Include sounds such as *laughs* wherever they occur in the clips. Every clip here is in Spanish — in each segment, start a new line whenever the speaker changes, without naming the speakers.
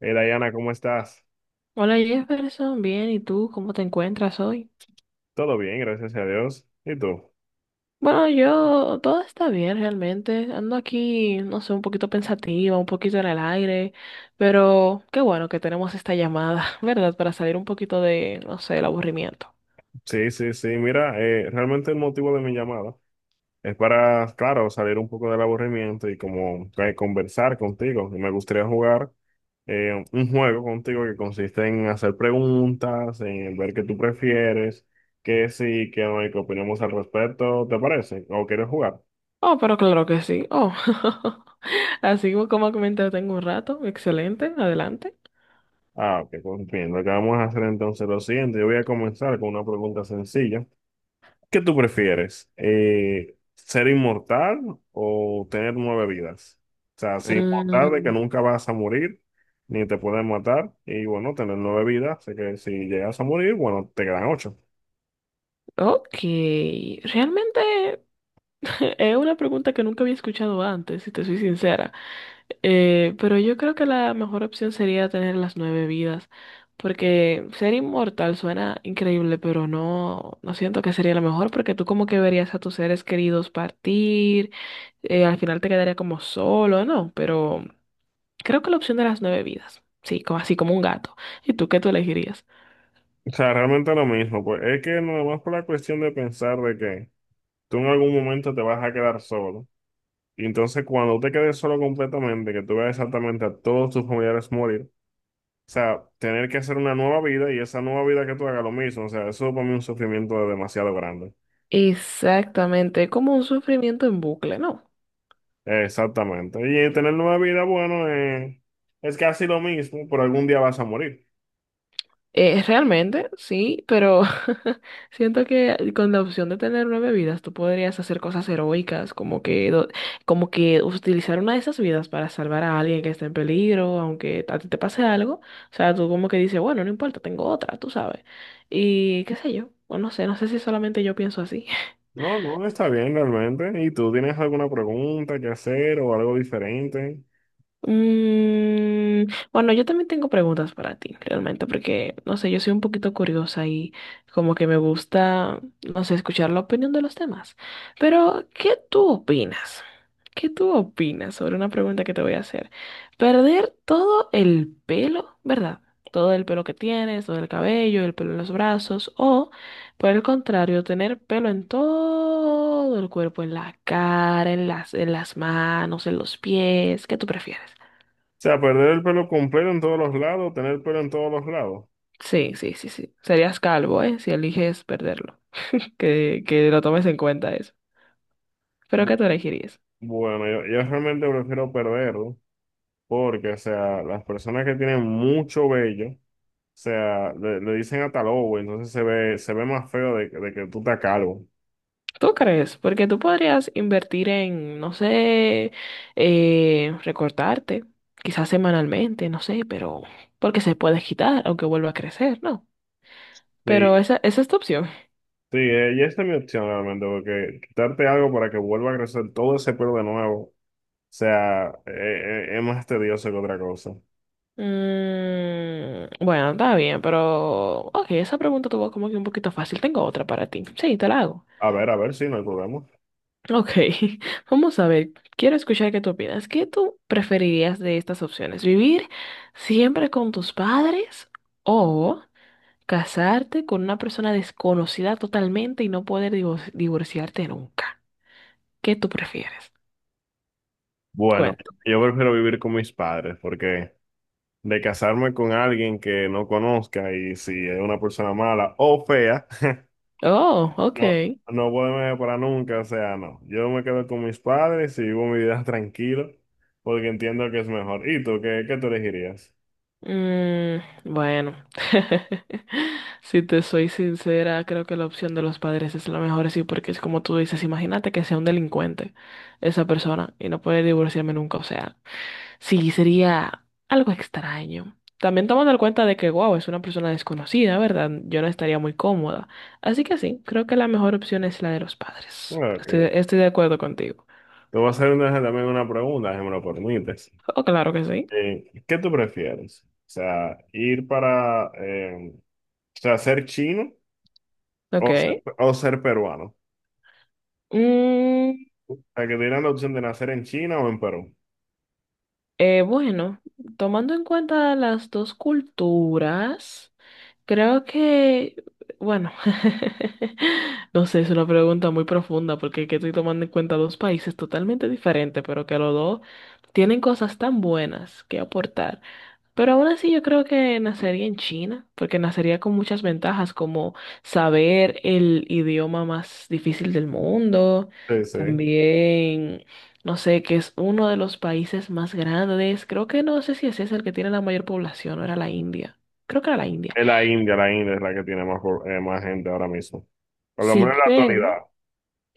Dayana, ¿cómo estás?
Hola Jefferson, bien, ¿y tú cómo te encuentras hoy?
Todo bien, gracias a Dios. ¿Y tú?
Bueno, yo todo está bien realmente. Ando aquí, no sé, un poquito pensativa, un poquito en el aire, pero qué bueno que tenemos esta llamada, *laughs* ¿verdad? Para salir un poquito de, no sé, el aburrimiento.
Sí, sí, sí. Mira, realmente el motivo de mi llamada es para, claro, salir un poco del aburrimiento y como conversar contigo. Y me gustaría jugar un juego contigo que consiste en hacer preguntas, en ver qué tú prefieres, qué sí, qué no y qué opinamos al respecto. ¿Te parece? ¿O quieres jugar?
Oh, pero claro que sí. Oh, *laughs* así como comenté, tengo un rato. Excelente, adelante.
Ah, ok, pues bien. Lo que vamos a hacer entonces es lo siguiente. Yo voy a comenzar con una pregunta sencilla. ¿Qué tú prefieres? ¿Ser inmortal o tener 9 vidas? O sea, ser inmortal de que
Mm,
nunca vas a morir, ni te pueden matar, y bueno, tener 9 vidas, así que si llegas a morir, bueno, te quedan 8.
ok, realmente. *laughs* Es una pregunta que nunca había escuchado antes, si te soy sincera. Pero yo creo que la mejor opción sería tener las nueve vidas, porque ser inmortal suena increíble, pero no, no siento que sería lo mejor, porque tú como que verías a tus seres queridos partir, al final te quedaría como solo, ¿no? Pero creo que la opción de las nueve vidas, sí, como, así como un gato. ¿Y tú qué tú elegirías?
O sea, realmente lo mismo, pues es que nada más por la cuestión de pensar de que tú en algún momento te vas a quedar solo, y entonces cuando te quedes solo completamente, que tú veas exactamente a todos tus familiares morir. O sea, tener que hacer una nueva vida y esa nueva vida que tú hagas lo mismo. O sea, eso para mí es un sufrimiento demasiado grande.
Exactamente, como un sufrimiento en bucle, ¿no?
Exactamente. Y tener nueva vida, bueno, es casi lo mismo, pero algún día vas a morir.
Realmente, sí, pero *laughs* siento que con la opción de tener nueve vidas, tú podrías hacer cosas heroicas, como que utilizar una de esas vidas para salvar a alguien que está en peligro, aunque a ti te pase algo. O sea, tú como que dices, bueno, no importa, tengo otra, tú sabes. Y qué sé yo, bueno, no sé, no sé si solamente yo pienso así.
No, no, está bien realmente. ¿Y tú tienes alguna pregunta que hacer o algo diferente? O
Mm, bueno, yo también tengo preguntas para ti, realmente, porque, no sé, yo soy un poquito curiosa y como que me gusta, no sé, escuchar la opinión de los demás. Pero, ¿qué tú opinas? ¿Qué tú opinas sobre una pregunta que te voy a hacer? Perder todo el pelo, ¿verdad? Todo el pelo que tienes, todo el cabello, el pelo en los brazos, o, por el contrario, tener pelo en todo el cuerpo, en la cara, en las manos, en los pies. ¿Qué tú prefieres?
sea, perder el pelo completo en todos los lados, tener pelo en todos los lados.
Sí, sí, sí, sí. Serías calvo, ¿eh? Si eliges perderlo. Que lo tomes en cuenta eso. Pero
Bu-
¿qué tú elegirías?
Bueno, yo realmente prefiero perderlo porque, o sea, las personas que tienen mucho vello. O sea, le dicen hasta lobo, entonces se ve más feo de, de que tú estás calvo.
¿Tú crees? Porque tú podrías invertir en, no sé, recortarte, quizás semanalmente, no sé, pero porque se puede quitar, aunque vuelva a crecer, ¿no? Pero
Sí,
esa es tu opción.
sí, y esta es mi opción realmente, porque quitarte algo para que vuelva a crecer todo ese pelo de nuevo, o sea, es más tedioso que otra cosa.
Mm, bueno, está bien, pero... Ok, esa pregunta tuvo como que un poquito fácil. Tengo otra para ti. Sí, te la hago.
A ver si no hay problema.
Ok, *laughs* vamos a ver, quiero escuchar qué tú opinas. ¿Qué tú preferirías de estas opciones? ¿Vivir siempre con tus padres o casarte con una persona desconocida totalmente y no poder divorciarte nunca? ¿Qué tú prefieres?
Bueno,
Cuenta.
yo prefiero vivir con mis padres, porque de casarme con alguien que no conozca y si es una persona mala o fea. *laughs*
Oh,
No,
ok.
no voy a para nunca, o sea, no. Yo me quedo con mis padres y vivo mi vida *laughs* tranquilo, porque entiendo que es mejor. ¿Y tú qué, qué tú elegirías?
Mm, bueno, *laughs* si te soy sincera, creo que la opción de los padres es la mejor, sí, porque es como tú dices, imagínate que sea un delincuente esa persona y no poder divorciarme nunca, o sea. Sí, sería algo extraño. También tomando en cuenta de que, wow, es una persona desconocida, ¿verdad? Yo no estaría muy cómoda. Así que sí, creo que la mejor opción es la de los padres.
Ok.
Estoy,
Te
estoy de acuerdo contigo.
voy a hacer también una pregunta, si me lo permites.
Oh, claro que sí.
¿Qué tú prefieres? O sea, ir para, o sea, ser chino o,
Ok.
o ser peruano. O
Mm,
sea, que te dieran la opción de nacer en China o en Perú.
bueno, tomando en cuenta las dos culturas. Creo que, bueno, *laughs* no sé, es una pregunta muy profunda porque que estoy tomando en cuenta dos países totalmente diferentes, pero que los dos tienen cosas tan buenas que aportar. Pero aún así yo creo que nacería en China, porque nacería con muchas ventajas como saber el idioma más difícil del mundo,
Sí, sí.
también, no sé, que es uno de los países más grandes. Creo que no sé si ese es el que tiene la mayor población, o era la India. Creo que era la India.
Es la India es la que tiene más, más gente ahora mismo. Por lo
Sí,
menos en la
pero,
actualidad.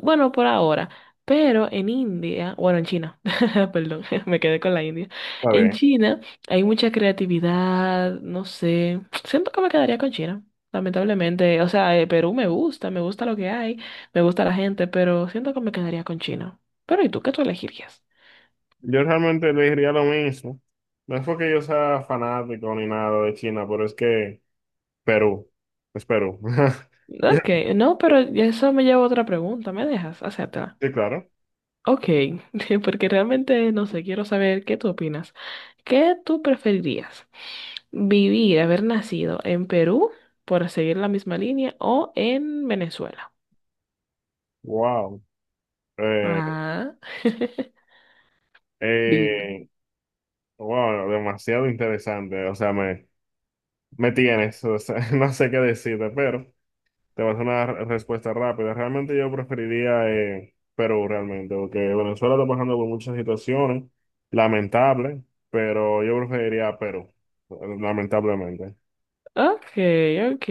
bueno, por ahora, pero en India, bueno, en China, *laughs* perdón, *laughs* me quedé con la India. En
¿Sabes?
China hay mucha creatividad, no sé, siento que me quedaría con China, lamentablemente. O sea, Perú me gusta lo que hay, me gusta la gente, pero siento que me quedaría con China. Pero ¿y tú qué tú elegirías?
Yo realmente le diría lo mismo. No es porque yo sea fanático ni nada de China, pero es que Perú, es Perú. *laughs* Ya,
Ok, no, pero
ya.
eso me lleva a otra pregunta, ¿me dejas? Hacértela.
Sí, claro.
Ok, *laughs* porque realmente, no sé, quiero saber qué tú opinas. ¿Qué tú preferirías? Vivir, haber nacido en Perú, por seguir la misma línea, o en Venezuela.
Wow. Eh,
Ah. *laughs* Dime.
eh, wow, demasiado interesante. O sea, me tienes. O sea, *laughs* no sé qué decirte, pero te vas a hacer una respuesta rápida. Realmente yo preferiría Perú, realmente, porque Venezuela está pasando por muchas situaciones lamentables, pero yo preferiría Perú, lamentablemente.
Ok, ok.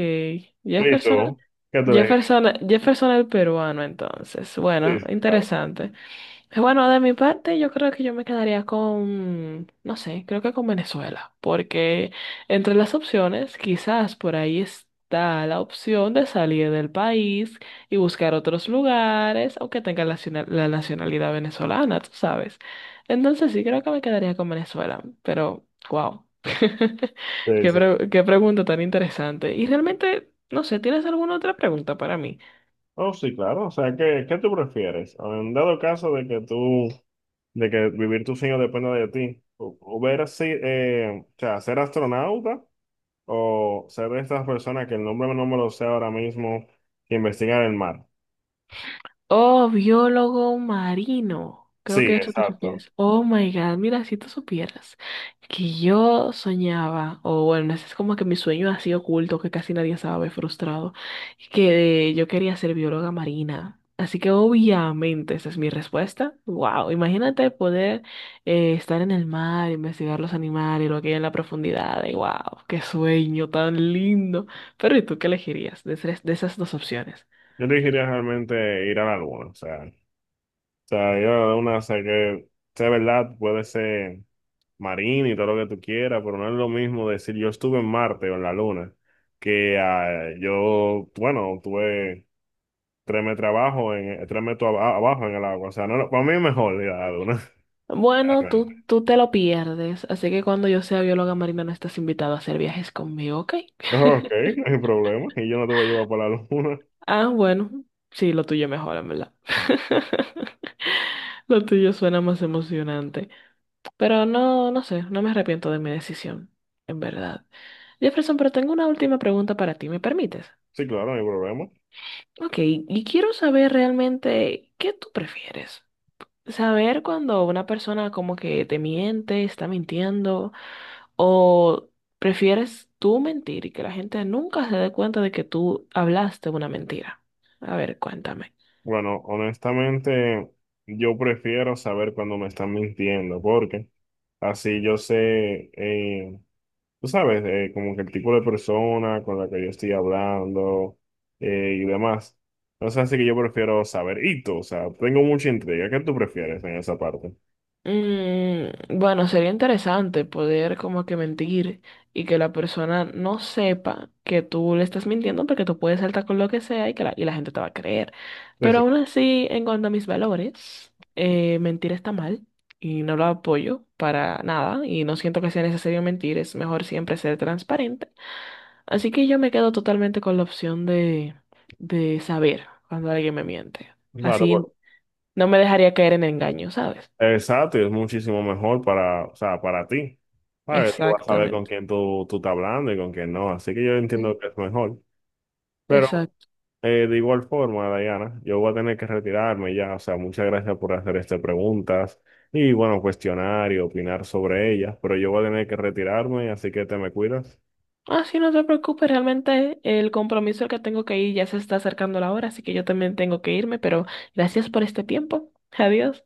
¿Y
Jefferson,
tú? ¿Qué te dije?
Jefferson el peruano, entonces.
Sí,
Bueno,
sí, claro.
interesante. Bueno, de mi parte, yo creo que yo me quedaría con, no sé, creo que con Venezuela, porque entre las opciones, quizás por ahí está la opción de salir del país y buscar otros lugares, aunque tenga la, la nacionalidad venezolana, tú sabes. Entonces sí, creo que me quedaría con Venezuela, pero wow. *laughs*
Sí, sí.
Qué pregunta tan interesante. Y realmente, no sé, ¿tienes alguna otra pregunta para mí?
Oh, sí, claro. O sea, ¿qué, qué tú prefieres? En dado caso de que tú, de que vivir tus sueños dependa de ti, o ver así, o sea, ser astronauta o ser de estas personas que el nombre no me lo sé ahora mismo, que investigan el mar.
Oh, biólogo marino. Creo
Sí,
que a eso te
exacto.
refieres. Oh my God, mira, si tú supieras que yo soñaba, o bueno, ese es como que mi sueño así oculto que casi nadie sabe, frustrado, que yo quería ser bióloga marina. Así que obviamente esa es mi respuesta. Wow, imagínate poder estar en el mar, investigar los animales, lo que hay en la profundidad. Wow, qué sueño tan lindo. Pero ¿y tú qué elegirías de esas dos opciones?
Yo elegiría realmente ir a la luna. O sea, yo a la luna sé que, sea verdad, puede ser. Marino y todo lo que tú quieras, pero no es lo mismo decir yo estuve en Marte o en la Luna, que ah, yo, bueno, tuve 3 metros abajo, en, 3 metros abajo en el agua. O sea, no, para mí es mejor ir a la Luna.
Bueno,
*laughs*
tú te lo pierdes, así que cuando yo sea bióloga marina no estás invitado a hacer viajes conmigo, ¿ok?
Ok,
*laughs*
no hay problema. Y yo no te voy a llevar para la Luna. *laughs*
Ah, bueno, sí, lo tuyo mejor, en verdad. *laughs* Lo tuyo suena más emocionante. Pero no, no sé, no me arrepiento de mi decisión, en verdad. Jefferson, pero tengo una última pregunta para ti, ¿me permites?
Sí, claro, no hay problema.
Ok, y quiero saber realmente qué tú prefieres. Saber cuando una persona como que te miente, está mintiendo ¿O prefieres tú mentir y que la gente nunca se dé cuenta de que tú hablaste una mentira? A ver, cuéntame.
Bueno, honestamente, yo prefiero saber cuando me están mintiendo, porque así yo sé. Tú sabes, como que el tipo de persona con la que yo estoy hablando y demás. Entonces, así que yo prefiero saber y o sea, tengo mucha intriga. ¿Qué tú prefieres en esa parte?
Mm, bueno, sería interesante poder como que mentir y que la persona no sepa que tú le estás mintiendo porque tú puedes saltar con lo que sea y que y la gente te va a creer.
Sí,
Pero
sí,
aún así, en cuanto a mis valores, mentir está mal y no lo apoyo para nada y no siento que sea necesario mentir, es mejor siempre ser transparente. Así que yo me quedo totalmente con la opción de saber cuando alguien me miente.
claro, pues,
Así no me dejaría caer en engaño, ¿sabes?
exacto, y es muchísimo mejor para, o sea, para ti. ¿Sabes? Tú vas a saber con
Exactamente.
quién tú estás hablando y con quién no, así que yo
Mm.
entiendo que es mejor. Pero
Exacto.
De igual forma, Diana, yo voy a tener que retirarme ya, o sea, muchas gracias por hacer estas preguntas y bueno, cuestionar y opinar sobre ellas, pero yo voy a tener que retirarme, así que te me cuidas.
Ah, sí, no te preocupes, realmente el compromiso al que tengo que ir ya se está acercando la hora, así que yo también tengo que irme, pero gracias por este tiempo. Adiós.